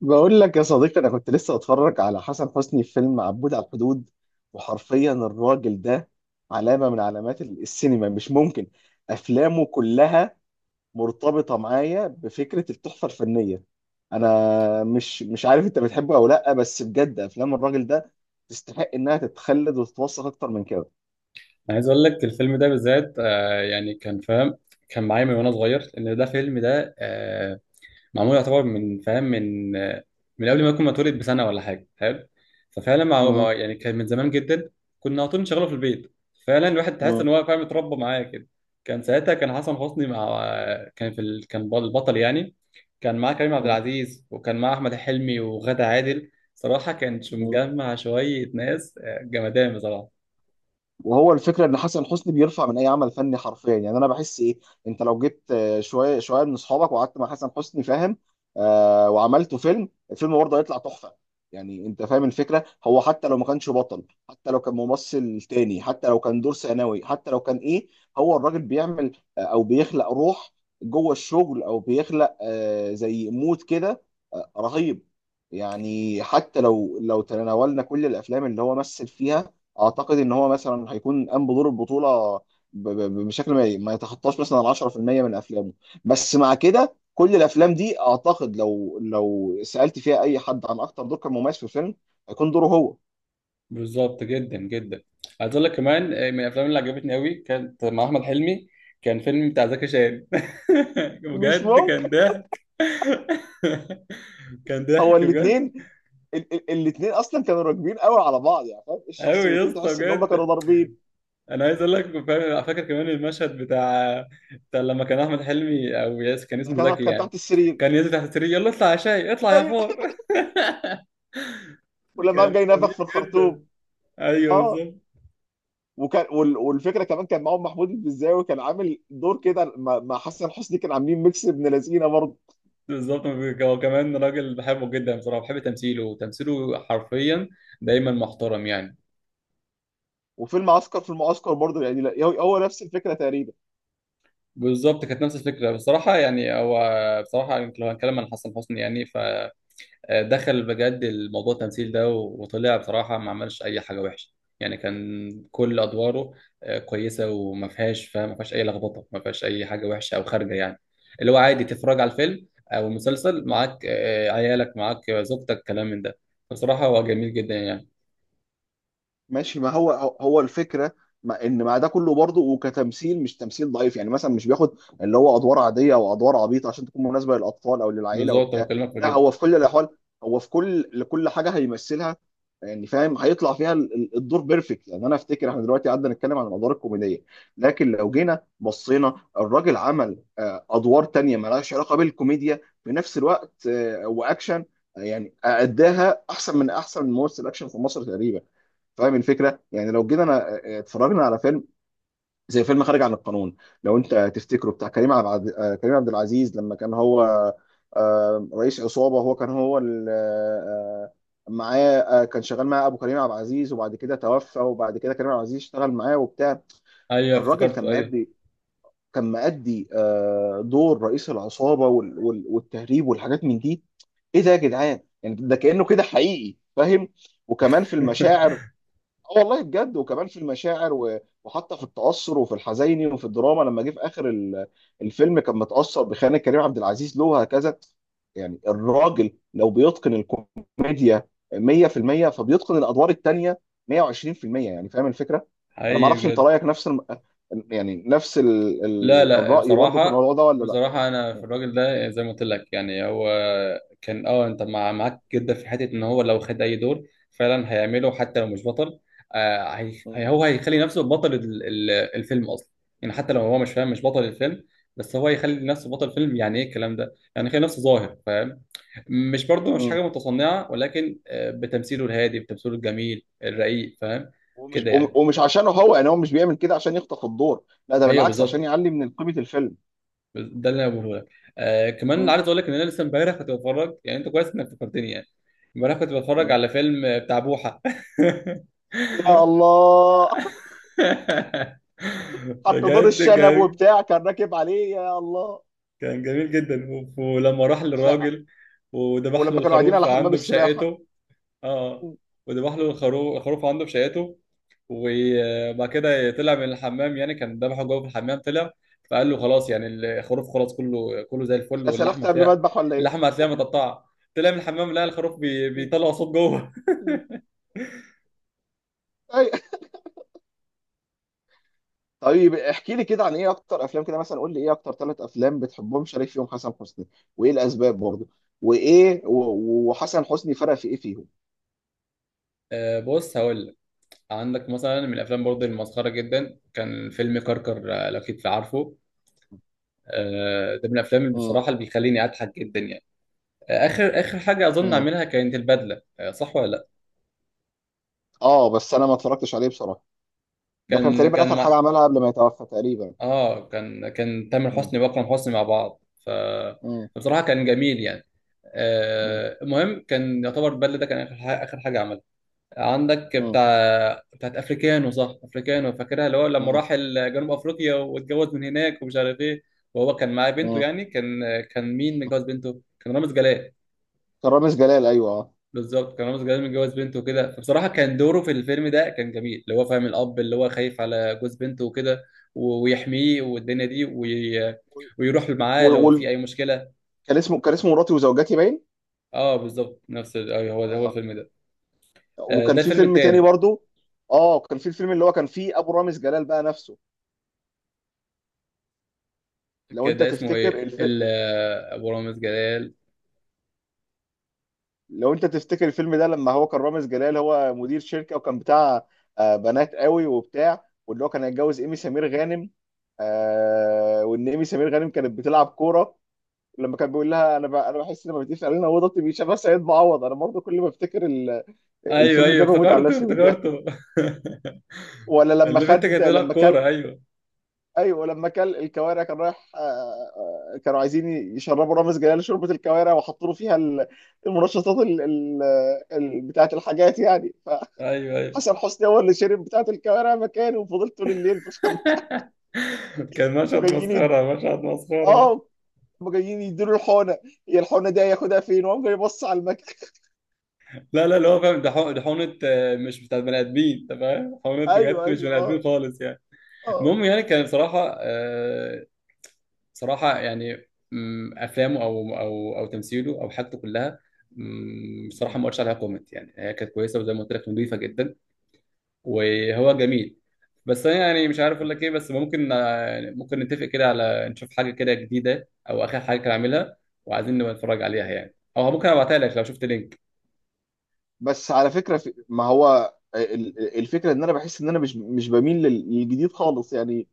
بقول لك يا صديقي، انا كنت لسه اتفرج على حسن حسني في فيلم عبود على الحدود، وحرفيا الراجل ده علامه من علامات السينما، مش ممكن. افلامه كلها مرتبطه معايا بفكره التحفه الفنيه. انا مش عارف انت بتحبه او لا، بس بجد افلام الراجل ده تستحق انها تتخلد وتتوثق اكتر من كده. انا عايز اقول لك الفيلم ده بالذات، يعني كان فاهم. كان معايا من وانا صغير، لان ده فيلم ده معمول، يعتبر من فاهم، من قبل ما اكون متولد بسنه ولا حاجه. حلو. ففعلا مم. يعني كان من زمان جدا. كنا على طول نشغله في البيت. فعلا الواحد تحس ان مم. هو فاهم، اتربى معايا كده. كان ساعتها حسن حسني مع، كان البطل يعني. كان معاه كريم عبد العزيز، وكان معاه احمد حلمي وغادة عادل. صراحه كان مم. مجمع شويه ناس، جمدان بصراحه. وهو الفكره ان حسن حسني بيرفع من اي عمل فني حرفيا، يعني انا بحس ايه؟ انت لو جيت شويه شويه من اصحابك وقعدت مع حسن حسني فاهم، وعملته الفيلم برضه هيطلع تحفه. يعني انت فاهم الفكره، هو حتى لو ما كانش بطل، حتى لو كان ممثل تاني، حتى لو كان دور ثانوي، حتى لو كان ايه، هو الراجل بيعمل او بيخلق روح جوه الشغل، او بيخلق زي مود كده رهيب. يعني حتى لو تناولنا كل الافلام اللي هو مثل فيها، اعتقد ان هو مثلا هيكون قام بدور البطوله بشكل ما يتخطاش مثلا ال 10% من افلامه، بس مع كده كل الافلام دي اعتقد لو سالت فيها اي حد عن اكتر دور كان مميز في الفيلم هيكون دوره هو. بالظبط، جدا جدا. عايز اقول لك كمان، من الافلام اللي عجبتني قوي، كانت مع احمد حلمي. كان فيلم بتاع زكي شان. مش بجد ممكن! كان ضحك. كان هو ضحك بجد. الاثنين اصلا كانوا راكبين قوي على بعض، يعني فاهم قوي يا الشخصيتين اسطى تحس ان هم كانوا بجد. ضاربين. انا عايز اقول لك فاهم، فاكر كمان المشهد بتاع بتاع لما كان احمد حلمي او ياس، كان اسمه كان زكي كان يعني. تحت السرير. كان ينزل تحت السرير: يلا اطلع يا شاي، اطلع يا ايوه. فار. ولما قام كان جاي نفخ جميل في الخرطوم. جدا. ايوه، اه. بالظبط. والفكره كمان كان معاهم محمود البزاوي، كان عامل دور كده مع حسن حسني، كان عاملين ميكس ابن لذينه برضه. بالظبط، هو كمان راجل بحبه جدا بصراحه، بحب تمثيله، وتمثيله حرفيا دايما محترم يعني. وفيلم عسكر في المعسكر برضه، يعني هو نفس الفكره تقريبا. بالظبط، كانت نفس الفكره بصراحه، يعني هو بصراحه يمكن لو هنتكلم عن حسن حسني يعني، فدخل بجد الموضوع، التمثيل ده، وطلع بصراحه ما عملش اي حاجه وحشه. يعني كان كل ادواره، كويسه، وما فيهاش فاهم، ما فيهاش اي لخبطه، ما فيهاش اي حاجه وحشه او خارجه يعني، اللي هو عادي تتفرج على الفيلم او المسلسل معاك، عيالك معاك، زوجتك، كلام من ده. بصراحه هو جميل جدا يعني. ماشي، ما هو هو الفكره، ما ان مع ده كله برضه وكتمثيل مش تمثيل ضعيف، يعني مثلا مش بياخد اللي هو ادوار عاديه او ادوار عبيطه عشان تكون مناسبه للاطفال او للعائله بالظبط، انا وبتاع. بكلمك في لا، كده. هو في كل الاحوال، هو في لكل حاجه هيمثلها يعني فاهم، هيطلع فيها الدور بيرفكت. يعني انا افتكر احنا دلوقتي قعدنا نتكلم عن الادوار الكوميديه، لكن لو جينا بصينا الراجل عمل ادوار تانية مالهاش علاقه بالكوميديا في نفس الوقت واكشن، يعني اداها احسن من احسن ممثل اكشن في مصر تقريبا. فاهم الفكره، يعني لو جينا انا اتفرجنا على فيلم زي فيلم خارج عن القانون، لو انت تفتكره بتاع كريم عبد العزيز لما كان هو رئيس عصابه، هو كان هو ال- آه، معاه كان شغال معاه ابو كريم عبد العزيز، وبعد كده توفى، وبعد كده كريم عبد العزيز اشتغل معاه وبتاع. ايوه، الراجل كان افتكرته، ايوه. مأدي، دور رئيس العصابه والتهريب والحاجات من دي. ايه ده يا جدعان؟ يعني ده كأنه كده حقيقي فاهم. وكمان في المشاعر. اه والله بجد، وكمان في المشاعر وحتى في التأثر وفي الحزيني وفي الدراما، لما جه في آخر الفيلم كان متأثر بخيانة كريم عبد العزيز له وهكذا. يعني الراجل لو بيتقن الكوميديا 100%، فبيتقن الادوار التانية 120%، يعني فاهم الفكره؟ انا ما حقيقي اعرفش انت بجد. رايك نفس يعني نفس لا، لا، الراي برضو في بصراحه. الموضوع ده ولا لا؟ بصراحه انا في الراجل ده زي ما قلت لك يعني، هو كان، انت معاك جدا في حته ان هو لو خد اي دور فعلا هيعمله حتى لو مش بطل. مم. هو هيخلي نفسه بطل الفيلم اصلا. يعني حتى لو هو مش، فاهم، مش بطل الفيلم، بس هو هيخلي نفسه بطل فيلم، يعني ايه الكلام ده؟ يعني يخلي نفسه ظاهر، فاهم. مش، برضو مش مم. حاجة متصنعة، ولكن بتمثيله الهادي، بتمثيله الجميل الرقيق، فاهم ومش كده وم- يعني. ومش عشانه هو، يعني هو مش بيعمل كده عشان يخطف الدور، لا، ده ايوه، بالعكس عشان بالظبط. يعلي من قيمه الفيلم. ده اللي انا بقوله لك. كمان عايز اقول لك ان انا لسه امبارح كنت بتفرج، يعني انت كويس انك فكرتني يعني. امبارح كنت بتفرج مم. على فيلم بتاع بوحة. يا الله. حتى دور بجد الشنب كان وبتاع كان راكب عليه، يا الله. كان جميل جدا. ولما راح انا للراجل وذبح ولما له كانوا قاعدين الخروف على حمام عنده في السباحه. شقته. اه، وذبح له الخروف عنده في شقته. وبعد كده طلع من الحمام، يعني كان ذبحه جوه في الحمام، طلع فقال له: خلاص يعني، الخروف خلاص، كله كله زي الفل، انا واللحمه سلخت قبل ما هتلاقي. اذبح ولا ايه؟ اللحمه هتلاقيها متقطعه. طلع من الحمام لقى الخروف بيطلع صوت جوه. أي. طيب احكي لي كده عن ايه اكتر افلام، كده مثلا قول لي ايه اكتر ثلاث افلام بتحبهم شريف فيهم حسن حسني، وايه الاسباب برضه، وايه وحسن حسني فرق في ايه فيهم؟ بص، هقول لك. عندك مثلا من الافلام برضه المسخره جدا، كان فيلم كركر، لو كنت عارفه. ده من الافلام اللي مم. بصراحه اللي بيخليني اضحك جدا يعني. اخر اخر حاجه اظن مم. اعملها كانت البدله، صح ولا لا؟ اه بس انا ما اتفرجتش عليه بصراحه. ده كان كان تقريبا كان اخر حاجه مع- عملها قبل ما يتوفى تقريبا. اه، كان تامر مم. حسني واكرم حسني مع بعض. ف مم. بصراحه كان جميل يعني. مم. المهم كان يعتبر البدله ده كان اخر حاجه، اخر حاجه عملها. عندك مم. بتاعت افريكانو، صح؟ افريكانو فاكرها، اللي هو لما مم. راح جنوب افريقيا واتجوز من هناك ومش عارف ايه. وهو كان معاه بنته، مم. يعني كان مين متجوز بنته؟ كان رامز جلال. كان رامز جلال، ايوه، اه. بالظبط، كان رامز جلال متجوز بنته وكده، فبصراحه كان دوره في الفيلم ده كان جميل، اللي هو فاهم الاب اللي هو خايف على جوز بنته وكده، ويحميه والدنيا دي ويروح معاه وال... لو في وال... اي مشكله. كان اسمه مراتي وزوجاتي باين. اه، بالظبط نفس أيوه، هو اه. الفيلم ده. وكان ده في الفيلم فيلم تاني التاني. برضو. اه، كان في الفيلم اللي هو كان فيه ابو رامز جلال بقى نفسه، لو كان انت ده اسمه تفتكر ايه الف... ال... آه، ابو رامز جلال. لو انت تفتكر الفيلم ده لما هو كان رامز جلال هو مدير شركه، وكان بتاع بنات قوي وبتاع، واللي هو كان هيتجوز ايمي سمير غانم، وان ايمي سمير غانم كانت بتلعب كوره. لما كان بيقول لها: انا بحس ان ما بتقيس علينا اوضتي، بيشبه سيد معوض. انا برضو كل ما افتكر ايوه، الفيلم ايوه، ده بموت على افتكرته نفسي من الضحك. افتكرته. ولا لما اللي بنت خد كانت تلعب لما كل، كوره. ايوه، ايوه، لما كل الكوارع كان رايح كانوا عايزين يشربوا رامز جلال شوربه الكوارع وحطوا له فيها المنشطات بتاعه الحاجات يعني. ايوه، ايوه. فحسن حسني هو اللي شرب بتاعه الكوارع مكانه وفضلت طول الليل في الحمام. كان مشهد وجايين يد... مسخره، مشهد مسخره. اه، هم جايين يديله الحونه. هي الحونه دي هياخدها فين؟ وقام جاي يبص على المكان. لا، لا، اللي هو فاهم ده ده حقنة، مش بتاعت بني ادمين، انت فاهم، حقنة ايوه بجد مش ايوه. بني ادمين اه. خالص يعني. المهم يعني كان بصراحة، صراحة يعني، افلامه او تمثيله او حاجته كلها، بصراحة ما قلتش عليها كومنت، يعني هي كانت كويسة، وزي ما قلت لك نظيفة جدا، وهو جميل. بس انا يعني مش عارف اقول لك ايه، بس ممكن يعني ممكن نتفق كده على نشوف حاجة كده جديدة او اخر حاجة كان عاملها، وعايزين نبقى نتفرج عليها اه، يعني، او ممكن ابعتها لك لو شفت لينك. بس على فكره ما هو الفكره ان انا بحس ان انا مش بميل للجديد خالص، يعني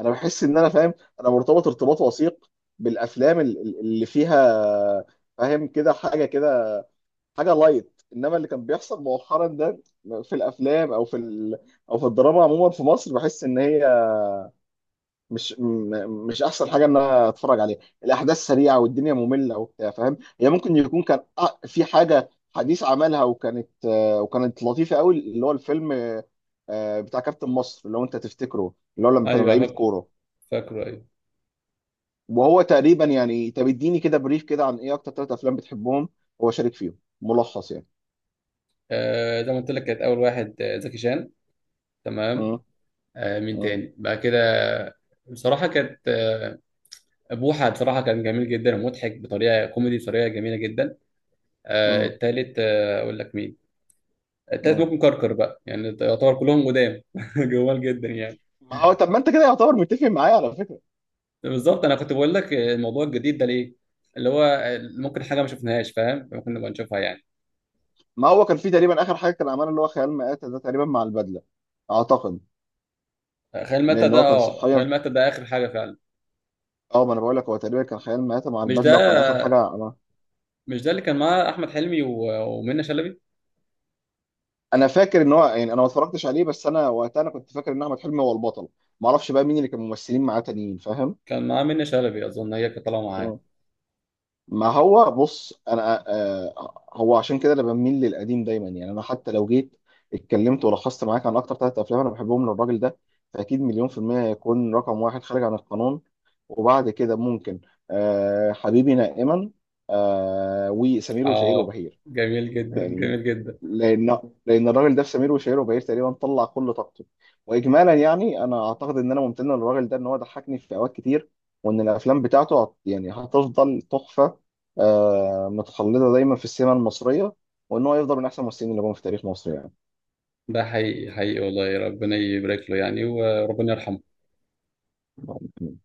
انا بحس ان انا فاهم. انا مرتبط ارتباط وثيق بالافلام اللي فيها فاهم كده حاجه كده، حاجه لايت، انما اللي كان بيحصل مؤخرا ده في الافلام او في او في الدراما عموما في مصر بحس ان هي مش احسن حاجه ان انا اتفرج عليها. الاحداث سريعه والدنيا ممله وبتاع فاهم، هي ممكن يكون كان في حاجه حديث عملها وكانت وكانت لطيفه قوي، اللي هو الفيلم بتاع كابتن مصر، اللي هو انت تفتكره اللي هو لما كانوا ايوه، لعيبه فاكر. كوره. فاكره، أيوة. وهو تقريبا يعني، طب اديني كده بريف كده عن ايه اكتر ثلاث افلام بتحبهم هو شارك فيهم، ملخص يعني. زي ما قلت لك، كانت اول واحد زكي شان. تمام. مم. مين مم. تاني بعد كده؟ بصراحه كانت بوحه. بصراحه كان جميل جدا ومضحك بطريقه كوميدي، بطريقه جميله جدا. مم. التالت اقول لك مين. التالت مم. ممكن كركر بقى، يعني يعتبر كلهم قدام. جمال جدا يعني. ما هو طب ما انت كده يعتبر متفق معايا على فكره. بالظبط، انا كنت بقول لك الموضوع الجديد ده ليه، اللي هو ممكن حاجه ما شفناهاش، فاهم، ممكن نبقى نشوفها يعني. ما هو كان في تقريبا اخر حاجه كان عملها اللي هو خيال مآتة ده تقريبا مع البدله، اعتقد. خيال مات لان ده. هو كان اه، خيال صحيا. مات ده اخر حاجه فعلا. اه، ما انا بقول لك هو تقريبا كان خيال مآتة مع مش البدله وكان اخر ده، حاجه. انا مش ده اللي كان معاه احمد حلمي ومنى شلبي. انا فاكر ان هو، يعني انا ما اتفرجتش عليه، بس انا وقتها انا كنت فاكر ان احمد حلمي هو البطل، ما اعرفش بقى مين اللي كان ممثلين معاه تانيين فاهم. كان معاه منة شلبي اظن، هي كانت طالعه معاه. مم. ما هو بص انا هو عشان كده انا بميل للقديم دايما. يعني انا حتى لو جيت اتكلمت ولخصت معاك عن اكتر ثلاث افلام انا بحبهم للراجل ده، فاكيد 1,000,000% هيكون رقم واحد خارج عن القانون، وبعد كده ممكن حبيبي نائما، وسمير وشهير اه، وبهير، جميل جدا، يعني. جميل جدا. لان الراجل ده في سمير وشهير وبهير تقريبا طلع كل طاقته. واجمالا يعني انا اعتقد ان انا ممتن للراجل ده ان هو ضحكني في اوقات كتير، وان الافلام بتاعته يعني هتفضل تحفه متخلده دايما في السينما المصريه، وان هو يفضل من احسن الممثلين اللي جم في تاريخ مصر، ده حقيقي، حقيقي والله، ربنا يبارك له يعني، وربنا يرحمه. يعني.